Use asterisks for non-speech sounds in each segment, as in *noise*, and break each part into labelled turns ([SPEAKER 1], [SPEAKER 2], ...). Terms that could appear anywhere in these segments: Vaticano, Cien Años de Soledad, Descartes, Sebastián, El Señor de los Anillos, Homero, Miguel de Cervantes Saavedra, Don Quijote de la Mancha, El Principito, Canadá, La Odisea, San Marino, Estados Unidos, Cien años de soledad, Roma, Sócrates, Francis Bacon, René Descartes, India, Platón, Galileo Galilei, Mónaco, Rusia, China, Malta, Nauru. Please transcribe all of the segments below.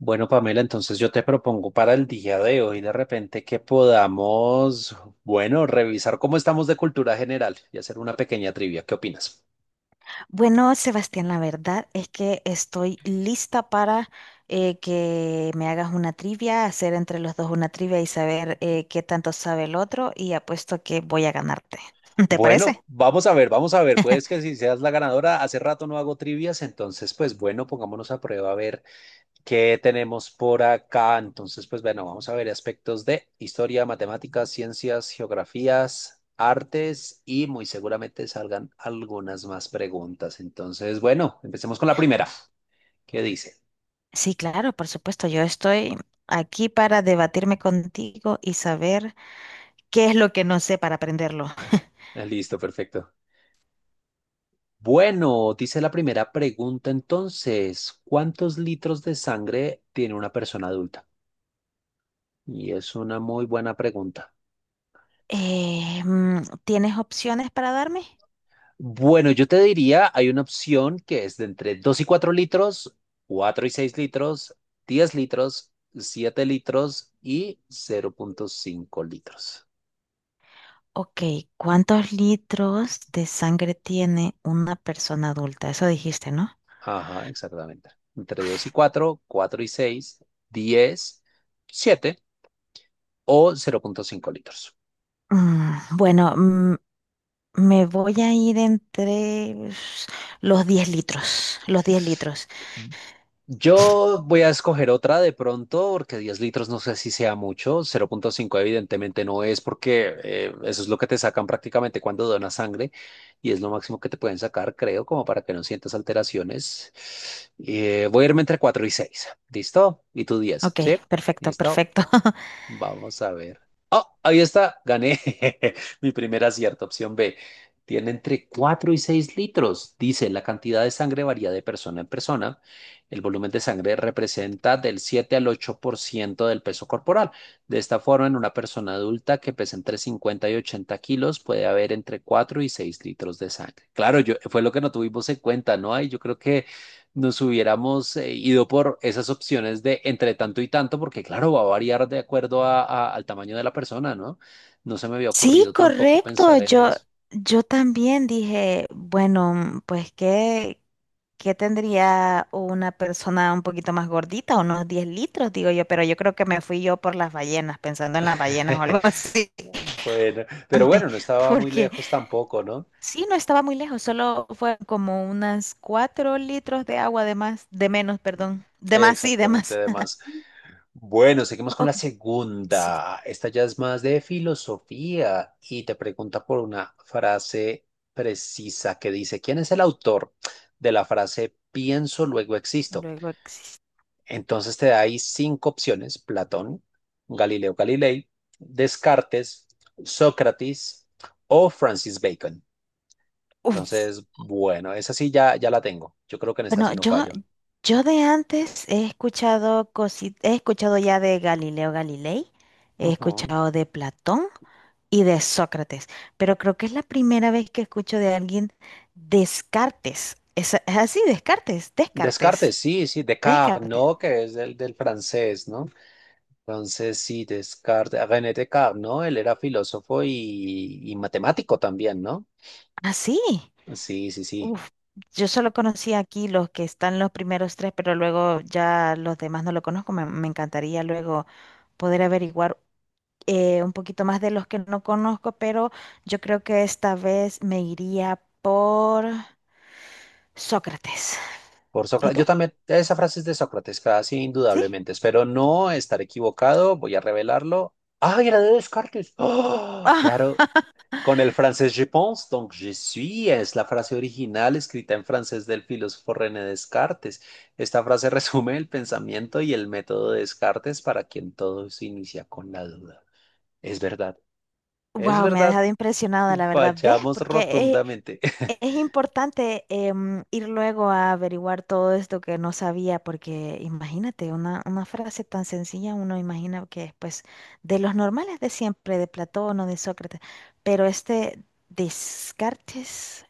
[SPEAKER 1] Bueno, Pamela, entonces yo te propongo para el día de hoy de repente que podamos, bueno, revisar cómo estamos de cultura general y hacer una pequeña trivia. ¿Qué opinas?
[SPEAKER 2] Bueno, Sebastián, la verdad es que estoy lista para que me hagas una trivia, hacer entre los dos una trivia y saber qué tanto sabe el otro y apuesto que voy a ganarte. *laughs* ¿Te
[SPEAKER 1] Bueno,
[SPEAKER 2] parece?
[SPEAKER 1] vamos a ver, vamos a ver. Puedes que si seas la ganadora, hace rato no hago trivias, entonces pues bueno, pongámonos a prueba a ver qué tenemos por acá. Entonces pues bueno, vamos a ver aspectos de historia, matemáticas, ciencias, geografías, artes y muy seguramente salgan algunas más preguntas. Entonces, bueno, empecemos con la primera. ¿Qué dice?
[SPEAKER 2] Sí, claro, por supuesto. Yo estoy aquí para debatirme contigo y saber qué es lo que no sé para aprenderlo.
[SPEAKER 1] Ah, listo, perfecto. Bueno, dice la primera pregunta entonces, ¿cuántos litros de sangre tiene una persona adulta? Y es una muy buena pregunta.
[SPEAKER 2] ¿Tienes opciones para darme?
[SPEAKER 1] Bueno, yo te diría, hay una opción que es de entre 2 y 4 litros, 4 y 6 litros, 10 litros, 7 litros y 0,5 litros.
[SPEAKER 2] Ok, ¿cuántos litros de sangre tiene una persona adulta? Eso dijiste, ¿no?
[SPEAKER 1] Ajá, exactamente. Entre 2 y 4, 4 y 6, 10, 7 o 0,5 litros.
[SPEAKER 2] Mm, Bueno, me voy a ir entre los 10 litros, los 10 litros.
[SPEAKER 1] Yo voy a escoger otra de pronto, porque 10 litros no sé si sea mucho. 0,5 evidentemente no es, porque eso es lo que te sacan prácticamente cuando donas sangre y es lo máximo que te pueden sacar, creo, como para que no sientas alteraciones. Voy a irme entre 4 y 6. ¿Listo? Y tú 10,
[SPEAKER 2] Ok,
[SPEAKER 1] ¿sí?
[SPEAKER 2] perfecto,
[SPEAKER 1] ¿Listo?
[SPEAKER 2] perfecto. *laughs*
[SPEAKER 1] Vamos a ver. ¡Oh! Ahí está. Gané. *laughs* Mi primer acierto, opción B. Tiene entre 4 y 6 litros. Dice, la cantidad de sangre varía de persona en persona. El volumen de sangre representa del 7 al 8% del peso corporal. De esta forma, en una persona adulta que pesa entre 50 y 80 kilos, puede haber entre 4 y 6 litros de sangre. Claro, yo, fue lo que no tuvimos en cuenta, ¿no? Ay, yo creo que nos hubiéramos ido por esas opciones de entre tanto y tanto, porque claro, va a variar de acuerdo al tamaño de la persona, ¿no? No se me había
[SPEAKER 2] Sí,
[SPEAKER 1] ocurrido tampoco
[SPEAKER 2] correcto.
[SPEAKER 1] pensar en eso.
[SPEAKER 2] Yo también dije, bueno, pues ¿qué tendría una persona un poquito más gordita? Unos 10 litros, digo yo, pero yo creo que me fui yo por las ballenas, pensando en las ballenas o algo
[SPEAKER 1] *laughs*
[SPEAKER 2] así.
[SPEAKER 1] Bueno,
[SPEAKER 2] *laughs*
[SPEAKER 1] pero
[SPEAKER 2] Antes,
[SPEAKER 1] bueno, no estaba muy
[SPEAKER 2] porque
[SPEAKER 1] lejos tampoco, ¿no?
[SPEAKER 2] sí, no estaba muy lejos, solo fue como unas cuatro litros de agua de más, de menos, perdón. De más, sí, de
[SPEAKER 1] Exactamente,
[SPEAKER 2] más. *laughs*
[SPEAKER 1] además. Bueno, seguimos con la
[SPEAKER 2] Ok, sí,
[SPEAKER 1] segunda. Esta ya es más de filosofía y te pregunta por una frase precisa que dice, ¿quién es el autor de la frase pienso, luego existo?
[SPEAKER 2] luego existe.
[SPEAKER 1] Entonces te da ahí cinco opciones: Platón, Galileo Galilei, Descartes, Sócrates o Francis Bacon.
[SPEAKER 2] Uf.
[SPEAKER 1] Entonces, bueno, esa sí ya, ya la tengo. Yo creo que en esa
[SPEAKER 2] Bueno,
[SPEAKER 1] sí no fallo.
[SPEAKER 2] yo de antes he escuchado he escuchado ya de Galileo Galilei, he
[SPEAKER 1] Ujú.
[SPEAKER 2] escuchado de Platón y de Sócrates, pero creo que es la primera vez que escucho de alguien Descartes. ¿Es así, Descartes,
[SPEAKER 1] Descartes,
[SPEAKER 2] Descartes,
[SPEAKER 1] sí, sí, Descartes,
[SPEAKER 2] Descartes.
[SPEAKER 1] ¿no? Que es del francés, ¿no? Entonces, sí, Descartes, René Descartes, ¿no? Él era filósofo y matemático también, ¿no?
[SPEAKER 2] Así.
[SPEAKER 1] Sí, sí, sí.
[SPEAKER 2] Uf, yo solo conocí aquí los que están los primeros tres, pero luego ya los demás no lo conozco. Me encantaría luego poder averiguar un poquito más de los que no conozco, pero yo creo que esta vez me iría por Sócrates.
[SPEAKER 1] Por
[SPEAKER 2] ¿Y
[SPEAKER 1] Sócrates. Yo
[SPEAKER 2] tú?
[SPEAKER 1] también, esa frase es de Sócrates, casi
[SPEAKER 2] ¿Sí?
[SPEAKER 1] indudablemente. Espero no estar equivocado, voy a revelarlo. ¡Ay, era de Descartes! ¡Ah!
[SPEAKER 2] *laughs*
[SPEAKER 1] Claro, con el francés je pense, donc je suis, es la frase original escrita en francés del filósofo René Descartes. Esta frase *laughs* resume el pensamiento y el método de Descartes para quien todo se inicia con la duda. Es verdad, es
[SPEAKER 2] Wow, me ha
[SPEAKER 1] verdad,
[SPEAKER 2] dejado impresionada, la verdad. ¿Ves?
[SPEAKER 1] fallamos
[SPEAKER 2] Porque
[SPEAKER 1] rotundamente. *laughs*
[SPEAKER 2] es importante ir luego a averiguar todo esto que no sabía, porque imagínate, una frase tan sencilla, uno imagina que es pues de los normales de siempre, de Platón o de Sócrates, pero este Descartes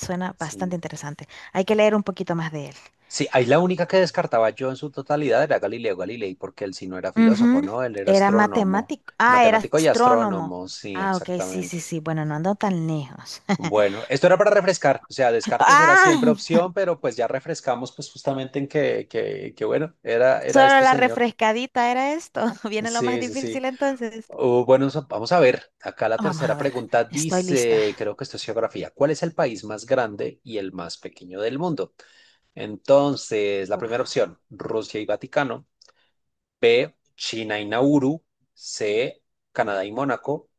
[SPEAKER 2] suena bastante
[SPEAKER 1] Sí.
[SPEAKER 2] interesante. Hay que leer un poquito más de él.
[SPEAKER 1] Sí, ahí la única que descartaba yo en su totalidad era Galileo Galilei, porque él sí no era filósofo,
[SPEAKER 2] Ujú.
[SPEAKER 1] ¿no? Él era
[SPEAKER 2] Era
[SPEAKER 1] astrónomo,
[SPEAKER 2] matemático. Ah, era
[SPEAKER 1] matemático y
[SPEAKER 2] astrónomo.
[SPEAKER 1] astrónomo, sí,
[SPEAKER 2] Ah, ok, sí,
[SPEAKER 1] exactamente.
[SPEAKER 2] sí, sí. Bueno, no ando tan lejos. *laughs*
[SPEAKER 1] Bueno, esto era para refrescar, o sea, Descartes era siempre
[SPEAKER 2] Ah,
[SPEAKER 1] opción, pero pues ya refrescamos pues justamente en que, que bueno, era, era
[SPEAKER 2] solo
[SPEAKER 1] este
[SPEAKER 2] la
[SPEAKER 1] señor.
[SPEAKER 2] refrescadita era esto. *laughs* Viene lo más
[SPEAKER 1] Sí, sí, sí.
[SPEAKER 2] difícil entonces.
[SPEAKER 1] Bueno, vamos a ver, acá la
[SPEAKER 2] Vamos a
[SPEAKER 1] tercera
[SPEAKER 2] ver,
[SPEAKER 1] pregunta
[SPEAKER 2] estoy lista.
[SPEAKER 1] dice, creo que esto es geografía, ¿cuál es el país más grande y el más pequeño del mundo? Entonces, la primera
[SPEAKER 2] Uf.
[SPEAKER 1] opción, Rusia y Vaticano. B, China y Nauru. C, Canadá y Mónaco.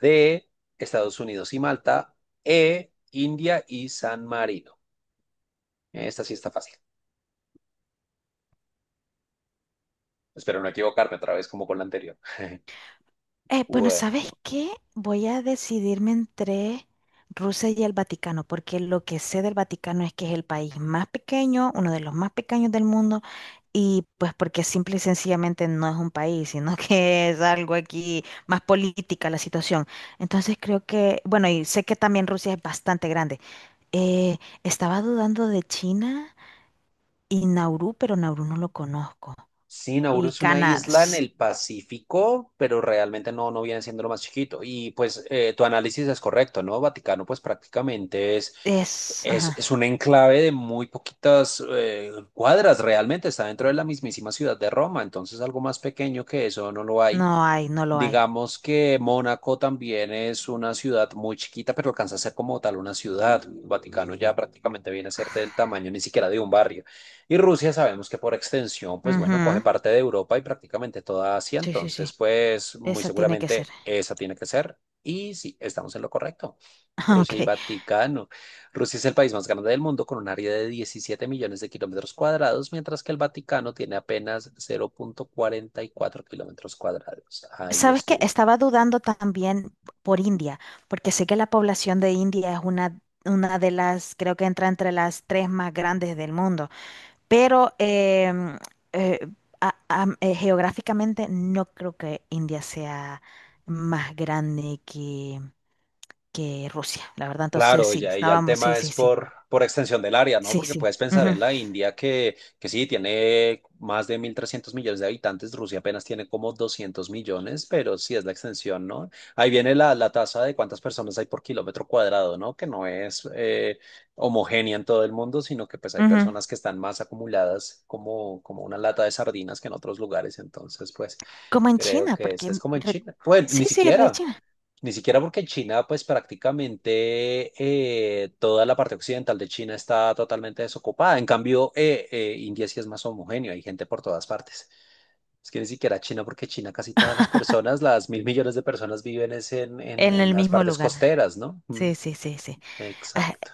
[SPEAKER 1] D, Estados Unidos y Malta. E, India y San Marino. Esta sí está fácil. Espero no equivocarme otra vez como con la anterior. *laughs*
[SPEAKER 2] Bueno,
[SPEAKER 1] Bueno.
[SPEAKER 2] ¿sabes qué? Voy a decidirme entre Rusia y el Vaticano, porque lo que sé del Vaticano es que es el país más pequeño, uno de los más pequeños del mundo, y pues porque simple y sencillamente no es un país, sino que *laughs* es algo aquí más política la situación. Entonces creo que, bueno, y sé que también Rusia es bastante grande. Eh, estaba dudando de China y Nauru, pero Nauru no lo conozco.
[SPEAKER 1] Sí, Nauru
[SPEAKER 2] Y
[SPEAKER 1] es una
[SPEAKER 2] Canadá
[SPEAKER 1] isla en el Pacífico, pero realmente no, no viene siendo lo más chiquito. Y pues tu análisis es correcto, ¿no? Vaticano pues prácticamente es...
[SPEAKER 2] es...
[SPEAKER 1] Es,
[SPEAKER 2] ajá.
[SPEAKER 1] es un enclave de muy poquitas cuadras, realmente está dentro de la mismísima ciudad de Roma, entonces algo más pequeño que eso no lo hay.
[SPEAKER 2] No hay, no lo hay.
[SPEAKER 1] Digamos que Mónaco también es una ciudad muy chiquita, pero alcanza a ser como tal una ciudad. El Vaticano ya prácticamente viene a ser del tamaño ni siquiera de un barrio. Y Rusia sabemos que por extensión, pues bueno, coge
[SPEAKER 2] Ujú.
[SPEAKER 1] parte de Europa y prácticamente toda Asia,
[SPEAKER 2] Sí, sí, sí.
[SPEAKER 1] entonces pues muy
[SPEAKER 2] Esa tiene que ser.
[SPEAKER 1] seguramente esa tiene que ser. Y sí, estamos en lo correcto.
[SPEAKER 2] *laughs*
[SPEAKER 1] Rusia y
[SPEAKER 2] Ok.
[SPEAKER 1] Vaticano. Rusia es el país más grande del mundo con un área de 17 millones de kilómetros cuadrados, mientras que el Vaticano tiene apenas 0,44 kilómetros cuadrados. Ahí
[SPEAKER 2] ¿Sabes qué?
[SPEAKER 1] estuvo.
[SPEAKER 2] Estaba dudando también por India, porque sé que la población de India es una de las, creo que entra entre las tres más grandes del mundo, pero eh, geográficamente no creo que India sea más grande que Rusia, la verdad. Entonces
[SPEAKER 1] Claro,
[SPEAKER 2] sí,
[SPEAKER 1] ya, y ya el
[SPEAKER 2] estábamos, sí,
[SPEAKER 1] tema
[SPEAKER 2] sí,
[SPEAKER 1] es
[SPEAKER 2] sí.
[SPEAKER 1] por extensión del área, ¿no?
[SPEAKER 2] Sí,
[SPEAKER 1] Porque
[SPEAKER 2] sí.
[SPEAKER 1] puedes pensar
[SPEAKER 2] Ujú,
[SPEAKER 1] en la India que sí, tiene más de 1.300 millones de habitantes, Rusia apenas tiene como 200 millones, pero sí es la extensión, ¿no? Ahí viene la tasa de cuántas personas hay por kilómetro cuadrado, ¿no? Que no es homogénea en todo el mundo, sino que pues hay
[SPEAKER 2] ujú.
[SPEAKER 1] personas que están más acumuladas como, como una lata de sardinas que en otros lugares, entonces pues
[SPEAKER 2] Como en
[SPEAKER 1] creo
[SPEAKER 2] China,
[SPEAKER 1] que
[SPEAKER 2] porque
[SPEAKER 1] esa es como en China. Bueno,
[SPEAKER 2] sí,
[SPEAKER 1] ni
[SPEAKER 2] sí, re
[SPEAKER 1] siquiera.
[SPEAKER 2] China.
[SPEAKER 1] Ni siquiera porque en China, pues prácticamente toda la parte occidental de China está totalmente desocupada. En cambio, India sí es más homogéneo, hay gente por todas partes. Es que ni siquiera China, porque China casi todas las personas, las mil millones de personas viven es en, en,
[SPEAKER 2] En
[SPEAKER 1] en
[SPEAKER 2] el
[SPEAKER 1] las
[SPEAKER 2] mismo
[SPEAKER 1] partes
[SPEAKER 2] lugar.
[SPEAKER 1] costeras, ¿no? Mm,
[SPEAKER 2] Sí, sí, sí, sí. Ah,
[SPEAKER 1] exacto.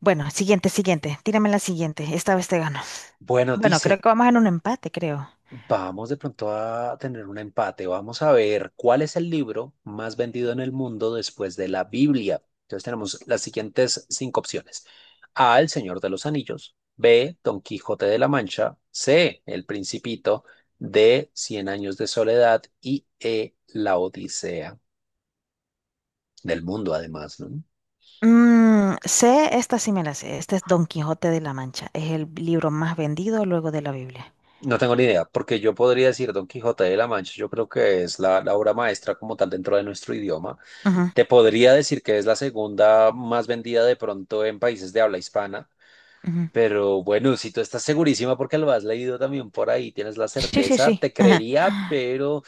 [SPEAKER 2] bueno, siguiente, siguiente. Tírame la siguiente. Esta vez te gano.
[SPEAKER 1] Bueno,
[SPEAKER 2] Bueno, creo
[SPEAKER 1] dice,
[SPEAKER 2] que vamos en un empate, creo.
[SPEAKER 1] vamos de pronto a tener un empate. Vamos a ver cuál es el libro más vendido en el mundo después de la Biblia. Entonces tenemos las siguientes cinco opciones. A, El Señor de los Anillos. B, Don Quijote de la Mancha. C, El Principito. D, Cien Años de Soledad. Y E, La Odisea del mundo, además, ¿no?
[SPEAKER 2] Sé, esta sí me la sé. Este es Don Quijote de la Mancha. Es el libro más vendido luego de la Biblia.
[SPEAKER 1] No tengo ni idea, porque yo podría decir Don Quijote de la Mancha. Yo creo que es la obra maestra como tal dentro de nuestro idioma.
[SPEAKER 2] Ujú,
[SPEAKER 1] Te podría decir que es la segunda más vendida de pronto en países de habla hispana,
[SPEAKER 2] ujú.
[SPEAKER 1] pero bueno, si tú estás segurísima porque lo has leído también por ahí, tienes la
[SPEAKER 2] Sí, sí,
[SPEAKER 1] certeza,
[SPEAKER 2] sí.
[SPEAKER 1] te creería,
[SPEAKER 2] *laughs*
[SPEAKER 1] pero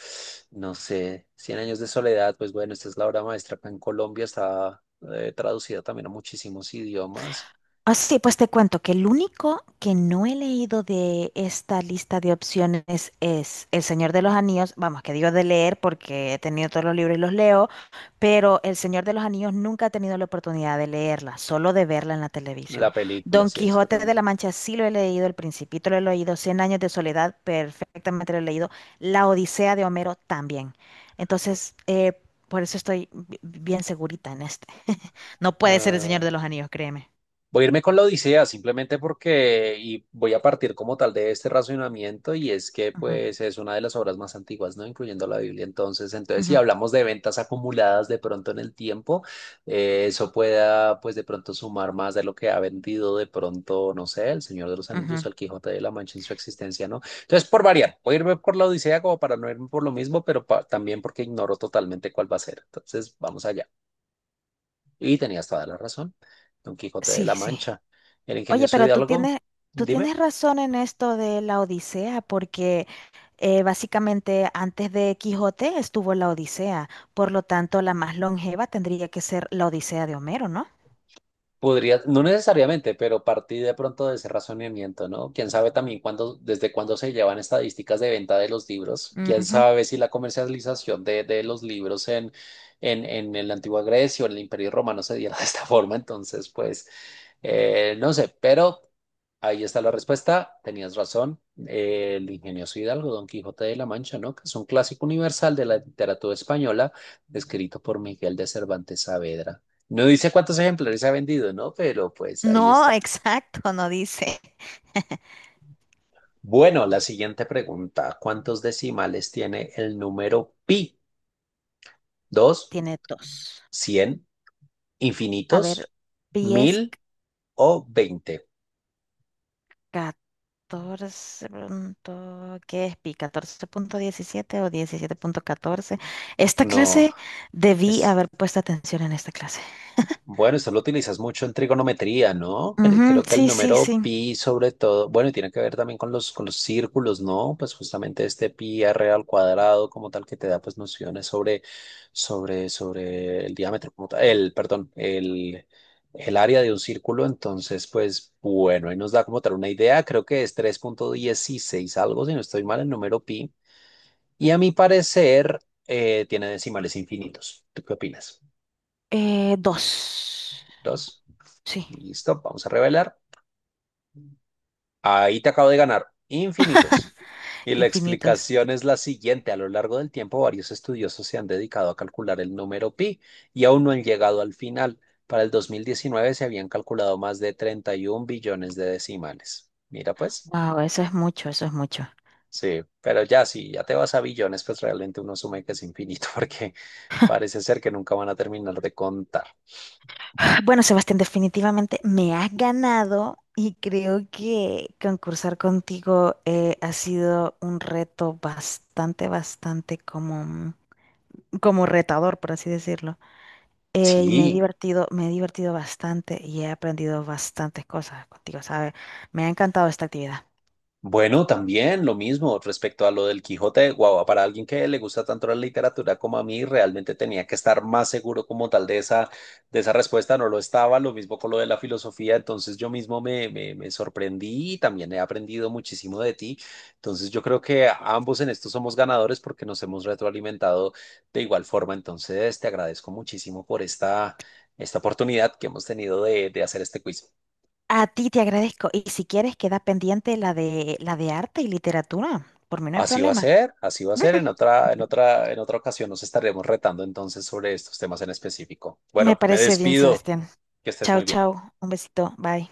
[SPEAKER 1] no sé, Cien años de soledad, pues bueno, esta es la obra maestra acá en Colombia, está traducida también a muchísimos idiomas.
[SPEAKER 2] Ah, sí, pues te cuento que el único que no he leído de esta lista de opciones es El Señor de los Anillos. Vamos, que digo de leer porque he tenido todos los libros y los leo, pero El Señor de los Anillos nunca he tenido la oportunidad de leerla, solo de verla en la televisión.
[SPEAKER 1] La película,
[SPEAKER 2] Don
[SPEAKER 1] sí,
[SPEAKER 2] Quijote de
[SPEAKER 1] exactamente.
[SPEAKER 2] la Mancha sí lo he leído, El Principito lo he leído, Cien años de soledad perfectamente lo he leído, La Odisea de Homero también. Entonces, por eso estoy bien segurita en este. *laughs* No puede ser El Señor de los Anillos, créeme.
[SPEAKER 1] Voy a irme con la Odisea simplemente porque, y voy a partir como tal de este razonamiento, y es que pues es una de las obras más antiguas, ¿no? Incluyendo la Biblia. Entonces si
[SPEAKER 2] Ujú,
[SPEAKER 1] hablamos de ventas acumuladas de pronto en el tiempo, eso pueda pues de pronto sumar más de lo que ha vendido de pronto, no sé, El Señor de los Anillos
[SPEAKER 2] ujú.
[SPEAKER 1] o El Quijote de la Mancha en su existencia, ¿no? Entonces, por variar, voy a irme por la Odisea como para no irme por lo mismo, pero también porque ignoro totalmente cuál va a ser. Entonces, vamos allá. Y tenías toda la razón. Don Quijote de
[SPEAKER 2] Sí,
[SPEAKER 1] la
[SPEAKER 2] sí.
[SPEAKER 1] Mancha. El
[SPEAKER 2] Oye,
[SPEAKER 1] ingenioso
[SPEAKER 2] pero
[SPEAKER 1] Hidalgo,
[SPEAKER 2] tú
[SPEAKER 1] dime,
[SPEAKER 2] tienes razón en esto de la Odisea, porque básicamente antes de Quijote estuvo la Odisea, por lo tanto la más longeva tendría que ser la Odisea de Homero, ¿no?
[SPEAKER 1] podría, no necesariamente, pero partí de pronto de ese razonamiento, ¿no? Quién sabe también cuándo, desde cuándo se llevan estadísticas de venta de los libros. Quién
[SPEAKER 2] Ujú.
[SPEAKER 1] sabe si la comercialización de los libros en la antigua Grecia o en el Imperio Romano se diera *laughs* de esta forma. Entonces, pues, no sé, pero. Ahí está la respuesta, tenías razón. El ingenioso Hidalgo, Don Quijote de la Mancha, ¿no? Que es un clásico universal de la literatura española, escrito por Miguel de Cervantes Saavedra. No dice cuántos ejemplares ha vendido, ¿no? Pero pues ahí
[SPEAKER 2] No, *laughs*
[SPEAKER 1] está.
[SPEAKER 2] exacto, no dice.
[SPEAKER 1] Bueno, la siguiente pregunta. ¿Cuántos decimales tiene el número pi? ¿Dos,
[SPEAKER 2] Tiene dos.
[SPEAKER 1] cien,
[SPEAKER 2] A ver,
[SPEAKER 1] infinitos,
[SPEAKER 2] pi es
[SPEAKER 1] mil o veinte?
[SPEAKER 2] 14. ¿Qué es pi? ¿Catorce punto diecisiete o diecisiete punto catorce? Esta
[SPEAKER 1] No,
[SPEAKER 2] clase debí
[SPEAKER 1] es,
[SPEAKER 2] haber puesto atención en esta clase.
[SPEAKER 1] bueno, eso lo utilizas mucho en trigonometría, ¿no?
[SPEAKER 2] Ujú,
[SPEAKER 1] Creo que el
[SPEAKER 2] sí, sí,
[SPEAKER 1] número
[SPEAKER 2] sí.
[SPEAKER 1] pi sobre todo, bueno, y tiene que ver también con los, círculos, ¿no? Pues justamente este pi r al cuadrado como tal que te da pues nociones sobre el diámetro, el, perdón, el área de un círculo. Entonces, pues bueno, ahí nos da como tal una idea. Creo que es 3,16 algo, si no estoy mal, el número pi. Y a mi parecer, tiene decimales infinitos. ¿Tú qué opinas?
[SPEAKER 2] Dos.
[SPEAKER 1] Dos.
[SPEAKER 2] Sí,
[SPEAKER 1] Listo, vamos a revelar. Ahí te acabo de ganar infinitos. Y la
[SPEAKER 2] infinitos.
[SPEAKER 1] explicación es la siguiente. A lo largo del tiempo, varios estudiosos se han dedicado a calcular el número pi y aún no han llegado al final. Para el 2019 se habían calculado más de 31 billones de decimales. Mira, pues,
[SPEAKER 2] Wow, eso es mucho, eso es mucho.
[SPEAKER 1] sí, pero ya si ya te vas a billones, pues realmente uno asume que es infinito *laughs* porque parece ser que nunca van a terminar de contar.
[SPEAKER 2] Bueno, Sebastián, definitivamente me has ganado y creo que concursar contigo ha sido un reto bastante, bastante como, como retador, por así decirlo. Y
[SPEAKER 1] Sí.
[SPEAKER 2] me he divertido bastante y he aprendido bastantes cosas contigo, ¿sabes? Me ha encantado esta actividad.
[SPEAKER 1] Bueno, también lo mismo respecto a lo del Quijote de Guava. Para alguien que le gusta tanto la literatura como a mí, realmente tenía que estar más seguro como tal de esa respuesta. No lo estaba, lo mismo con lo de la filosofía. Entonces yo mismo me, me sorprendí y también he aprendido muchísimo de ti. Entonces yo creo que ambos en esto somos ganadores porque nos hemos retroalimentado de igual forma. Entonces te agradezco muchísimo por esta oportunidad que hemos tenido de hacer este quiz.
[SPEAKER 2] A ti te agradezco. Y si quieres, queda pendiente la de arte y literatura. Por mí no hay
[SPEAKER 1] Así va a
[SPEAKER 2] problema.
[SPEAKER 1] ser, así va a ser.
[SPEAKER 2] *laughs*
[SPEAKER 1] En otra ocasión nos estaremos retando entonces sobre estos temas en específico.
[SPEAKER 2] Me
[SPEAKER 1] Bueno, me
[SPEAKER 2] parece bien,
[SPEAKER 1] despido.
[SPEAKER 2] Sebastián.
[SPEAKER 1] Que estés
[SPEAKER 2] Chao,
[SPEAKER 1] muy bien.
[SPEAKER 2] chao. Un besito. Bye.